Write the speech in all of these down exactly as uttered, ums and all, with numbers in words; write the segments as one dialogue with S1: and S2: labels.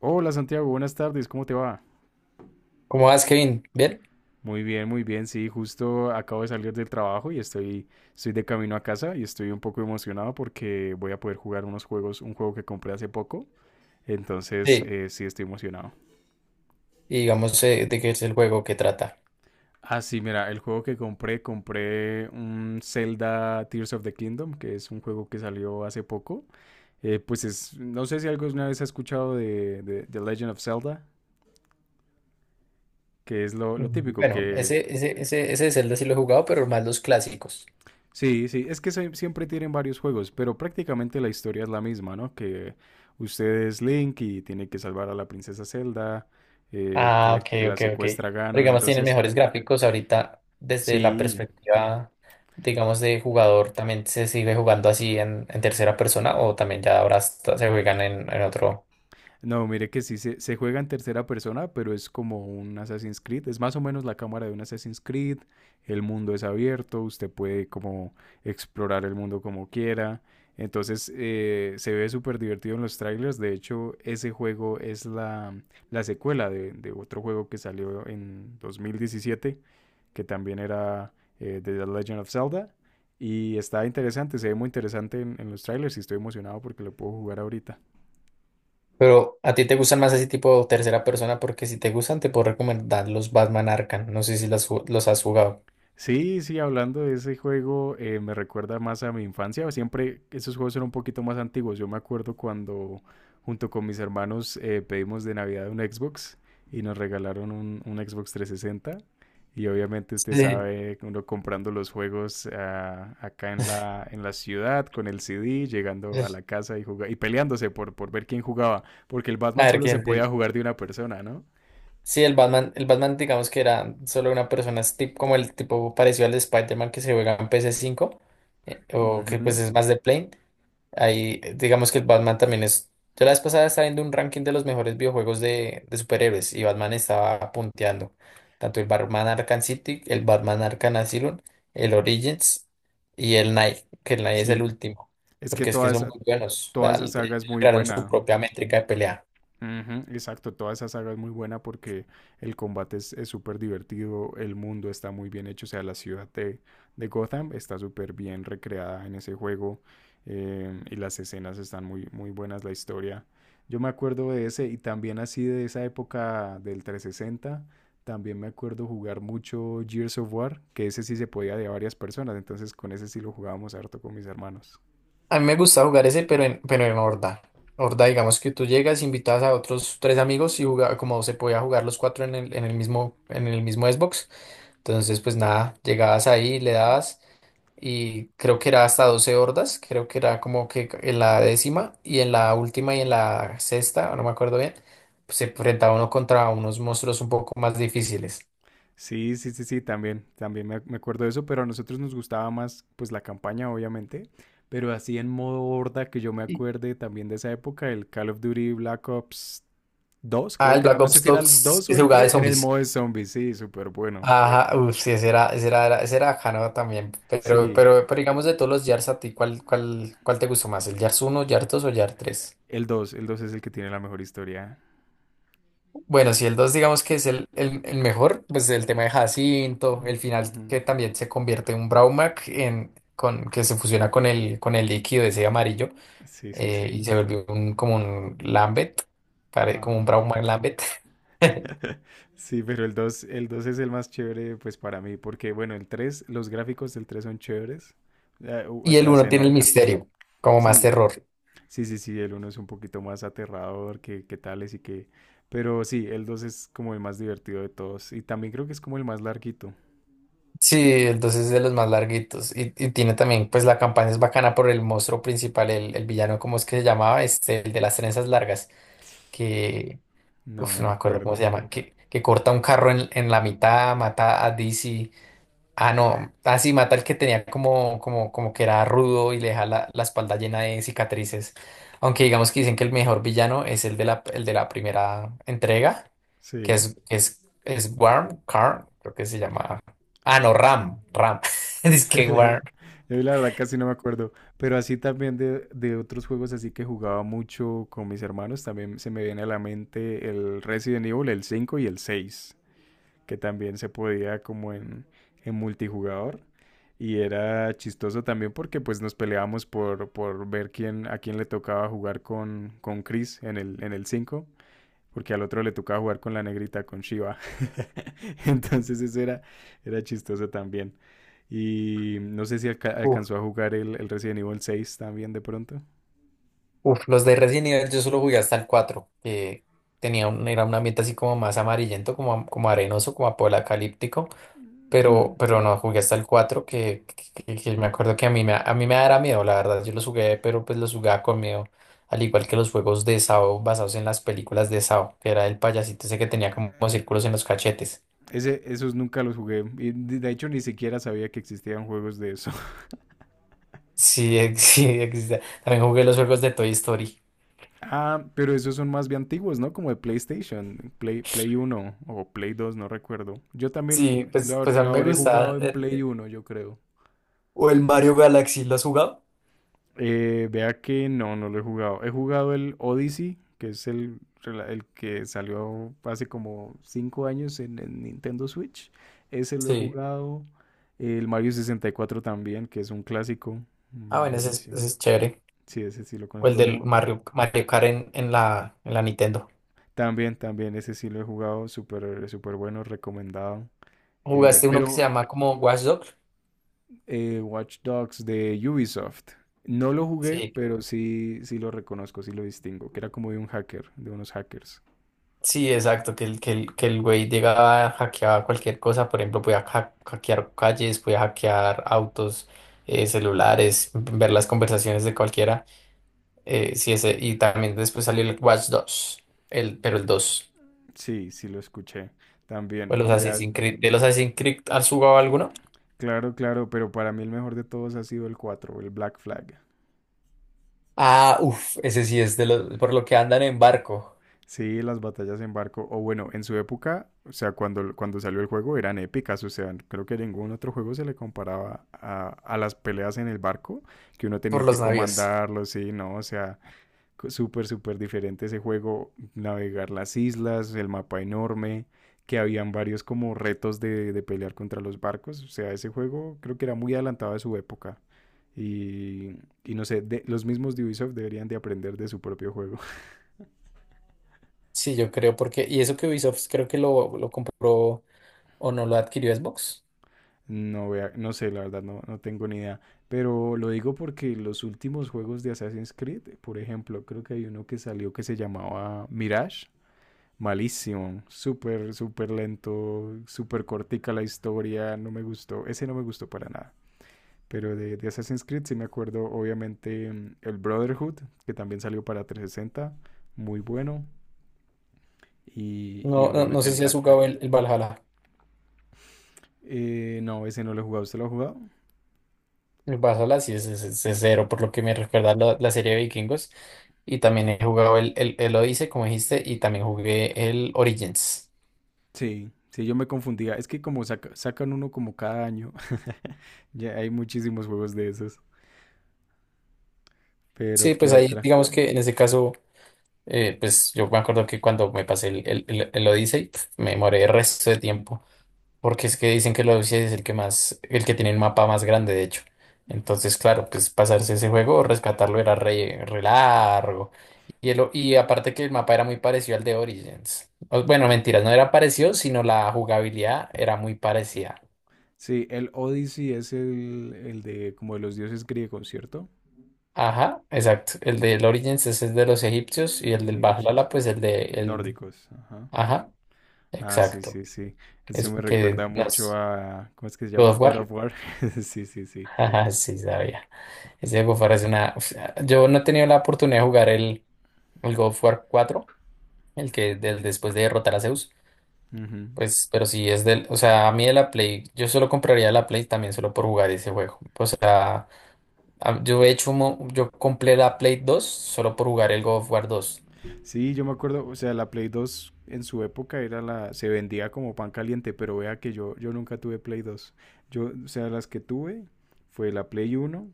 S1: Hola Santiago, buenas tardes, ¿cómo te va?
S2: ¿Cómo vas, Kevin? ¿Bien?
S1: Muy bien, muy bien, sí, justo acabo de salir del trabajo y estoy, estoy de camino a casa y estoy un poco emocionado porque voy a poder jugar unos juegos, un juego que compré hace poco, entonces
S2: Sí.
S1: eh, sí estoy emocionado.
S2: Y digamos, eh, ¿de qué es el juego que trata?
S1: Ah, sí, mira, el juego que compré, compré un Zelda Tears of the Kingdom, que es un juego que salió hace poco. Eh, pues es, no sé si alguna vez has escuchado de, de, de Legend of Zelda, que es lo, lo
S2: Mm,
S1: típico,
S2: bueno,
S1: que
S2: ese, ese, ese, ese de Zelda sí lo he jugado, pero más los clásicos.
S1: sí, sí, es que se- siempre tienen varios juegos, pero prácticamente la historia es la misma, ¿no? Que usted es Link y tiene que salvar a la princesa Zelda, eh, que,
S2: Ah,
S1: le-
S2: ok,
S1: que la
S2: ok, ok. Pero
S1: secuestra Ganon,
S2: digamos, tienen
S1: entonces,
S2: mejores gráficos ahorita desde la
S1: sí,
S2: perspectiva, digamos, de jugador. ¿También se sigue jugando así en, en tercera persona o también ya ahora hasta se juegan en, en otro?
S1: no, mire que sí se, se juega en tercera persona, pero es como un Assassin's Creed. Es más o menos la cámara de un Assassin's Creed. El mundo es abierto, usted puede como explorar el mundo como quiera. Entonces eh, se ve súper divertido en los trailers. De hecho, ese juego es la, la secuela de, de otro juego que salió en dos mil diecisiete, que también era eh, de The Legend of Zelda. Y está interesante, se ve muy interesante en, en los trailers y estoy emocionado porque lo puedo jugar ahorita.
S2: Pero a ti te gustan más ese tipo de tercera persona porque si te gustan te puedo recomendar los Batman Arkham. No sé si las ju- los has jugado.
S1: Sí, sí, hablando de ese juego, eh, me recuerda más a mi infancia. Siempre esos juegos eran un poquito más antiguos. Yo me acuerdo cuando junto con mis hermanos eh, pedimos de Navidad un Xbox y nos regalaron un, un Xbox trescientos sesenta. Y obviamente usted
S2: Sí.
S1: sabe, uno comprando los juegos ah, acá en la, en la ciudad con el C D, llegando a la casa y juga- y peleándose por, por ver quién jugaba, porque el Batman
S2: A ver
S1: solo se
S2: quién
S1: podía
S2: sí.
S1: jugar de una persona, ¿no?
S2: Sí, el Batman, el Batman, digamos que era solo una persona, es tip- como el tipo parecido al de Spider-Man que se juega en ps cinco, eh, o que
S1: Ujú.
S2: pues es más de plane. Ahí, eh, digamos que el Batman también es. Yo la vez pasada estaba viendo un ranking de los mejores videojuegos de, de superhéroes y Batman estaba punteando. Tanto el Batman Arkham City, el Batman Arkham Asylum, el Origins y el Night, que el Night es el
S1: Sí,
S2: último,
S1: es que
S2: porque es que
S1: toda
S2: son
S1: esa,
S2: muy buenos.
S1: toda
S2: da-
S1: esa
S2: de-
S1: saga es muy
S2: Crearon su
S1: buena.
S2: propia métrica de pelea.
S1: Ujú. Exacto, toda esa saga es muy buena porque el combate es es súper divertido, el mundo está muy bien hecho, o sea, la ciudad de, de Gotham está súper bien recreada en ese juego, eh, y las escenas están muy, muy buenas, la historia. Yo me acuerdo de ese y también así de esa época del trescientos sesenta, también me acuerdo jugar mucho Gears of War, que ese sí se podía de a varias personas, entonces con ese sí lo jugábamos harto con mis hermanos.
S2: A mí me gusta jugar ese, pero en, pero en horda. Horda, digamos que tú llegas, invitas a otros tres amigos y jugaba, como se podía jugar los cuatro en el, en el mismo, en el mismo Xbox. Entonces, pues nada, llegabas ahí, le dabas y creo que era hasta doce hordas, creo que era como que en la décima y en la última y en la sexta, no me acuerdo bien, pues se enfrentaba uno contra unos monstruos un poco más difíciles.
S1: Sí, sí, sí, sí, también, también me, me acuerdo de eso, pero a nosotros nos gustaba más pues la campaña, obviamente, pero así en modo horda que yo me acuerde también de esa época, el Call of Duty Black Ops dos,
S2: Ah,
S1: creo
S2: el
S1: que era,
S2: Black
S1: no sé
S2: Ops
S1: si era el
S2: dos
S1: dos
S2: que
S1: o
S2: se
S1: el
S2: jugaba
S1: tres,
S2: de
S1: en el
S2: zombies.
S1: modo de zombies, sí, súper bueno.
S2: Ajá, uff, sí, ese era, ese era, era- ese era bacano también. Pero,
S1: Sí,
S2: pero, pero digamos de todos los Yars a ti, ¿cuál, cuál, cuál te gustó más? ¿El Yars uno, Yars dos o Yars tres?
S1: el dos, el dos es el que tiene la mejor historia.
S2: Bueno, si el dos digamos que es el, el, el mejor, pues el tema de Jacinto, el final
S1: Ujú.
S2: que también se convierte en un Braumac en, con, que se fusiona con el, con el líquido ese amarillo,
S1: Sí, sí,
S2: eh, y
S1: sí.
S2: se volvió un, como un Lambeth, pare- como un
S1: Ajá.
S2: Braumac Lambeth.
S1: Sí, pero el dos, el dos es el más chévere, pues para mí, porque bueno, el tres, los gráficos del tres son chéveres, eh, u- o
S2: Y el
S1: sea,
S2: uno
S1: se
S2: tiene el
S1: nota.
S2: misterio, como más
S1: Sí,
S2: terror.
S1: sí, sí, sí, el uno es un poquito más aterrador que, que tales y que. Pero sí, el dos es como el más divertido de todos y también creo que es como el más larguito.
S2: Sí, entonces es de los más larguitos. Y, y tiene también, pues la campaña es bacana por el monstruo principal, el, el villano, ¿cómo es que se llamaba? Este, el de las trenzas largas, que,
S1: No me
S2: uf, no me acuerdo cómo
S1: acuerdo.
S2: se llama, que, que corta un carro en, en la mitad, mata a Dizzy. Ah, no, así mata el que tenía como, como, como que era rudo y le deja la, la espalda llena de cicatrices. Aunque digamos que dicen que el mejor villano es el de la, el de la primera entrega, que
S1: Sí.
S2: es, es, es Worm, Karn, creo que se llama. Ah, no, Ram, Ram. Es que Worm.
S1: Yo la verdad casi no me acuerdo, pero así también de, de otros juegos así que jugaba mucho con mis hermanos, también se me viene a la mente el Resident Evil, el cinco y el seis que también se podía como en, en multijugador. Y era chistoso también porque pues nos peleábamos por, por ver quién, a quién le tocaba jugar con, con Chris en el, en el cinco porque al otro le tocaba jugar con la negrita, con Shiva. Entonces eso era, era chistoso también. Y no sé si alca-
S2: Uf,
S1: alcanzó a jugar el, el Resident Evil seis también de pronto.
S2: uf, los de Resident Evil yo solo jugué hasta el cuatro que tenía un, era un ambiente así como más amarillento, como, como arenoso, como apocalíptico.
S1: Hmm.
S2: Pero, pero no, jugué hasta el cuatro que, que- que- que me acuerdo que a mí me, a mí me dará miedo, la verdad. Yo los jugué, pero pues los jugaba con miedo. Al igual que los juegos de Sao basados en las películas de Sao, que era el payasito ese que tenía como círculos en los cachetes.
S1: Ese, esos nunca los jugué. Y de hecho ni siquiera sabía que existían juegos de eso.
S2: Sí, ex- sí, existe. También jugué los juegos de Toy Story.
S1: Ah, pero esos son más bien antiguos, ¿no? Como de PlayStation, Play, Play uno o Play dos, no recuerdo. Yo
S2: Sí,
S1: también
S2: pues,
S1: lo,
S2: pues a
S1: lo
S2: mí me
S1: habré jugado
S2: gustaban.
S1: en
S2: Eh,
S1: Play uno, yo creo.
S2: ¿o el Mario Galaxy? ¿Lo has jugado?
S1: Eh, vea que no, no lo he jugado. He jugado el Odyssey, que es el, rela- el que salió hace como cinco años en, en Nintendo Switch. Ese lo he
S2: Sí.
S1: jugado. El Mario sesenta y cuatro también, que es un clásico.
S2: Ah,
S1: mm,
S2: bueno, ese es, ese
S1: Buenísimo.
S2: es chévere.
S1: Sí, ese sí lo conoce
S2: O el
S1: todo el
S2: del
S1: mundo.
S2: Mario, Mario Kart en, en la, en la Nintendo.
S1: También, también, ese sí lo he jugado. Súper, súper bueno, recomendado. Eh,
S2: ¿Jugaste uno que se
S1: pero
S2: llama como Watch Dogs?
S1: eh, Watch Dogs de Ubisoft. No lo jugué,
S2: Sí.
S1: pero sí, sí lo reconozco, sí lo distingo, que era como de un hacker, de unos hackers.
S2: Sí, exacto, que el, que el, que el güey llegaba a hackear cualquier cosa, por ejemplo, podía ha- hackear calles, podía hackear autos, eh, celulares, ver las conversaciones de cualquiera. Eh, sí, ese, y también después salió el Watch dos, el, pero el dos.
S1: Sí, sí lo escuché
S2: O
S1: también.
S2: los
S1: Y da-
S2: Assassin's Creed, ¿de los Assassin's Creed has jugado alguno?
S1: claro, claro, pero para mí el mejor de todos ha sido el cuatro, el Black Flag.
S2: Ah, uff, ese sí es de los, por lo que andan en barco,
S1: Sí, las batallas en barco, o bueno, en su época, o sea, cuando, cuando salió el juego eran épicas, o sea, creo que ningún otro juego se le comparaba a, a las peleas en el barco, que uno
S2: por
S1: tenía que
S2: los navíos.
S1: comandarlo, sí, no, o sea, súper, súper diferente ese juego, navegar las islas, el mapa enorme, que habían varios como retos de, de pelear contra los barcos. O sea, ese juego creo que era muy adelantado a su época. Y, y no sé, de- los mismos de Ubisoft deberían de aprender de su propio juego.
S2: Sí, yo creo, porque, y eso que Ubisoft creo que lo, lo compró o no lo adquirió Xbox.
S1: No, vea, no sé, la verdad no, no tengo ni idea. Pero lo digo porque los últimos juegos de Assassin's Creed, por ejemplo, creo que hay uno que salió que se llamaba Mirage. Malísimo, súper, súper lento, súper cortica la historia, no me gustó, ese no me gustó para nada. Pero de, de, Assassin's Creed sí me acuerdo, obviamente, mm, el Brotherhood, que también salió para tres sesenta, muy bueno, y, y
S2: No, no, no
S1: obviamente
S2: sé
S1: el
S2: si has
S1: Black Flag.
S2: jugado el, el Valhalla.
S1: Eh, no, ese no lo he jugado, ¿usted lo ha jugado?
S2: El Valhalla sí es, es, es- es cero, por lo que me recuerda la, la serie de Vikingos. Y también he jugado el, el, el Odyssey, como dijiste, y también jugué el Origins.
S1: Sí, sí, yo me confundía, es que como saca, sacan uno como cada año, ya hay muchísimos juegos de esos,
S2: Sí,
S1: pero ¿qué
S2: pues ahí,
S1: otra?
S2: digamos que en ese caso, eh, pues yo me acuerdo que cuando me pasé el, el, el, el Odyssey, pf, me demoré el resto de tiempo. Porque es que dicen que el Odyssey es el que más, el que tiene el mapa más grande, de hecho. Entonces, claro, pues pasarse ese juego, rescatarlo era re, re largo. Y, el o- y aparte que el mapa era muy parecido al de Origins. O- bueno, mentiras, no era parecido, sino la jugabilidad era muy parecida.
S1: Sí, el Odyssey es el, el de como de los dioses griegos, ¿cierto?
S2: Ajá, exacto. El del Origins es el de los egipcios
S1: Eh,
S2: y
S1: De
S2: el
S1: los
S2: del
S1: egipcios,
S2: Valhalla, pues el de el.
S1: nórdicos, ajá.
S2: Ajá,
S1: Ah, sí,
S2: exacto.
S1: sí, sí. Eso
S2: Es
S1: me
S2: que
S1: recuerda mucho
S2: nos.
S1: a, ¿cómo es que se
S2: God
S1: llama?
S2: of
S1: God of
S2: War.
S1: War. Sí, sí, sí.
S2: Ajá, sí, sabía. Ese juego parece una. O yo no he tenido la oportunidad de jugar el, el God of War cuatro, el que del después de derrotar a Zeus.
S1: Ujú.
S2: Pues, pero si es del, o sea, a mí de la Play, yo solo compraría la Play también solo por jugar ese juego. O sea, a- yo he hecho, un mo- yo compré la Play dos solo por jugar el God of War dos.
S1: Sí, yo me acuerdo, o sea, la Play dos en su época era la, se vendía como pan caliente, pero vea que yo, yo nunca tuve Play dos. Yo, o sea, las que tuve fue la Play uno,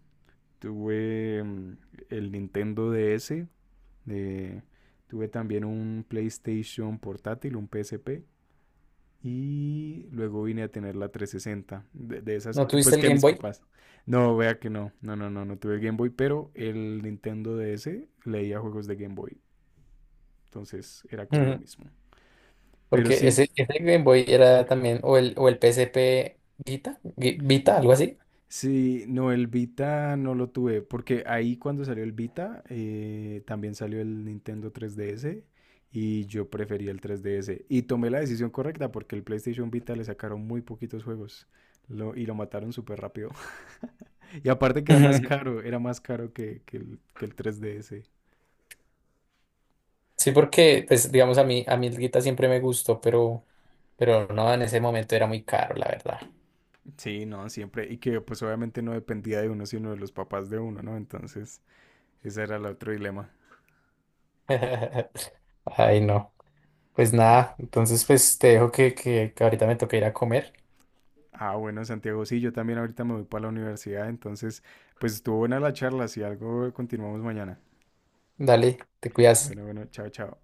S1: tuve mm, el Nintendo D S, De, tuve también un PlayStation portátil, un P S P. Y luego vine a tener la trescientos sesenta de, de esas,
S2: ¿No
S1: que,
S2: tuviste
S1: pues
S2: el
S1: que
S2: Game
S1: mis
S2: Boy?
S1: papás. No, vea que no, no, no, no, no tuve Game Boy, pero el Nintendo D S leía juegos de Game Boy, entonces era como lo
S2: Ujú.
S1: mismo. Pero
S2: Porque
S1: sí,
S2: ese, ese Game Boy era también, o el, o el P S P Vita, Gui- Vita, algo así.
S1: sí, no, el Vita no lo tuve, porque ahí cuando salió el Vita, eh, también salió el Nintendo tres D S y yo prefería el tres D S. Y tomé la decisión correcta porque el PlayStation Vita le sacaron muy poquitos juegos lo- y lo mataron súper rápido. Y aparte que era más
S2: Ujú.
S1: caro, era más caro que, que el, que el tres D S.
S2: Sí, porque, pues, digamos, a mí, a mí el Vita siempre me gustó, pero, pero no, en ese momento era muy caro, la verdad.
S1: Sí, no, siempre. Y que pues obviamente no dependía de uno, sino de los papás de uno, ¿no? Entonces, ese era el otro dilema.
S2: Ay, no. Pues nada, entonces pues te dejo que, que que ahorita me toca ir a comer.
S1: Ah, bueno, Santiago, sí, yo también ahorita me voy para la universidad, entonces, pues estuvo buena la charla, si algo continuamos mañana.
S2: Dale, te cuidas.
S1: Bueno, bueno, chao, chao.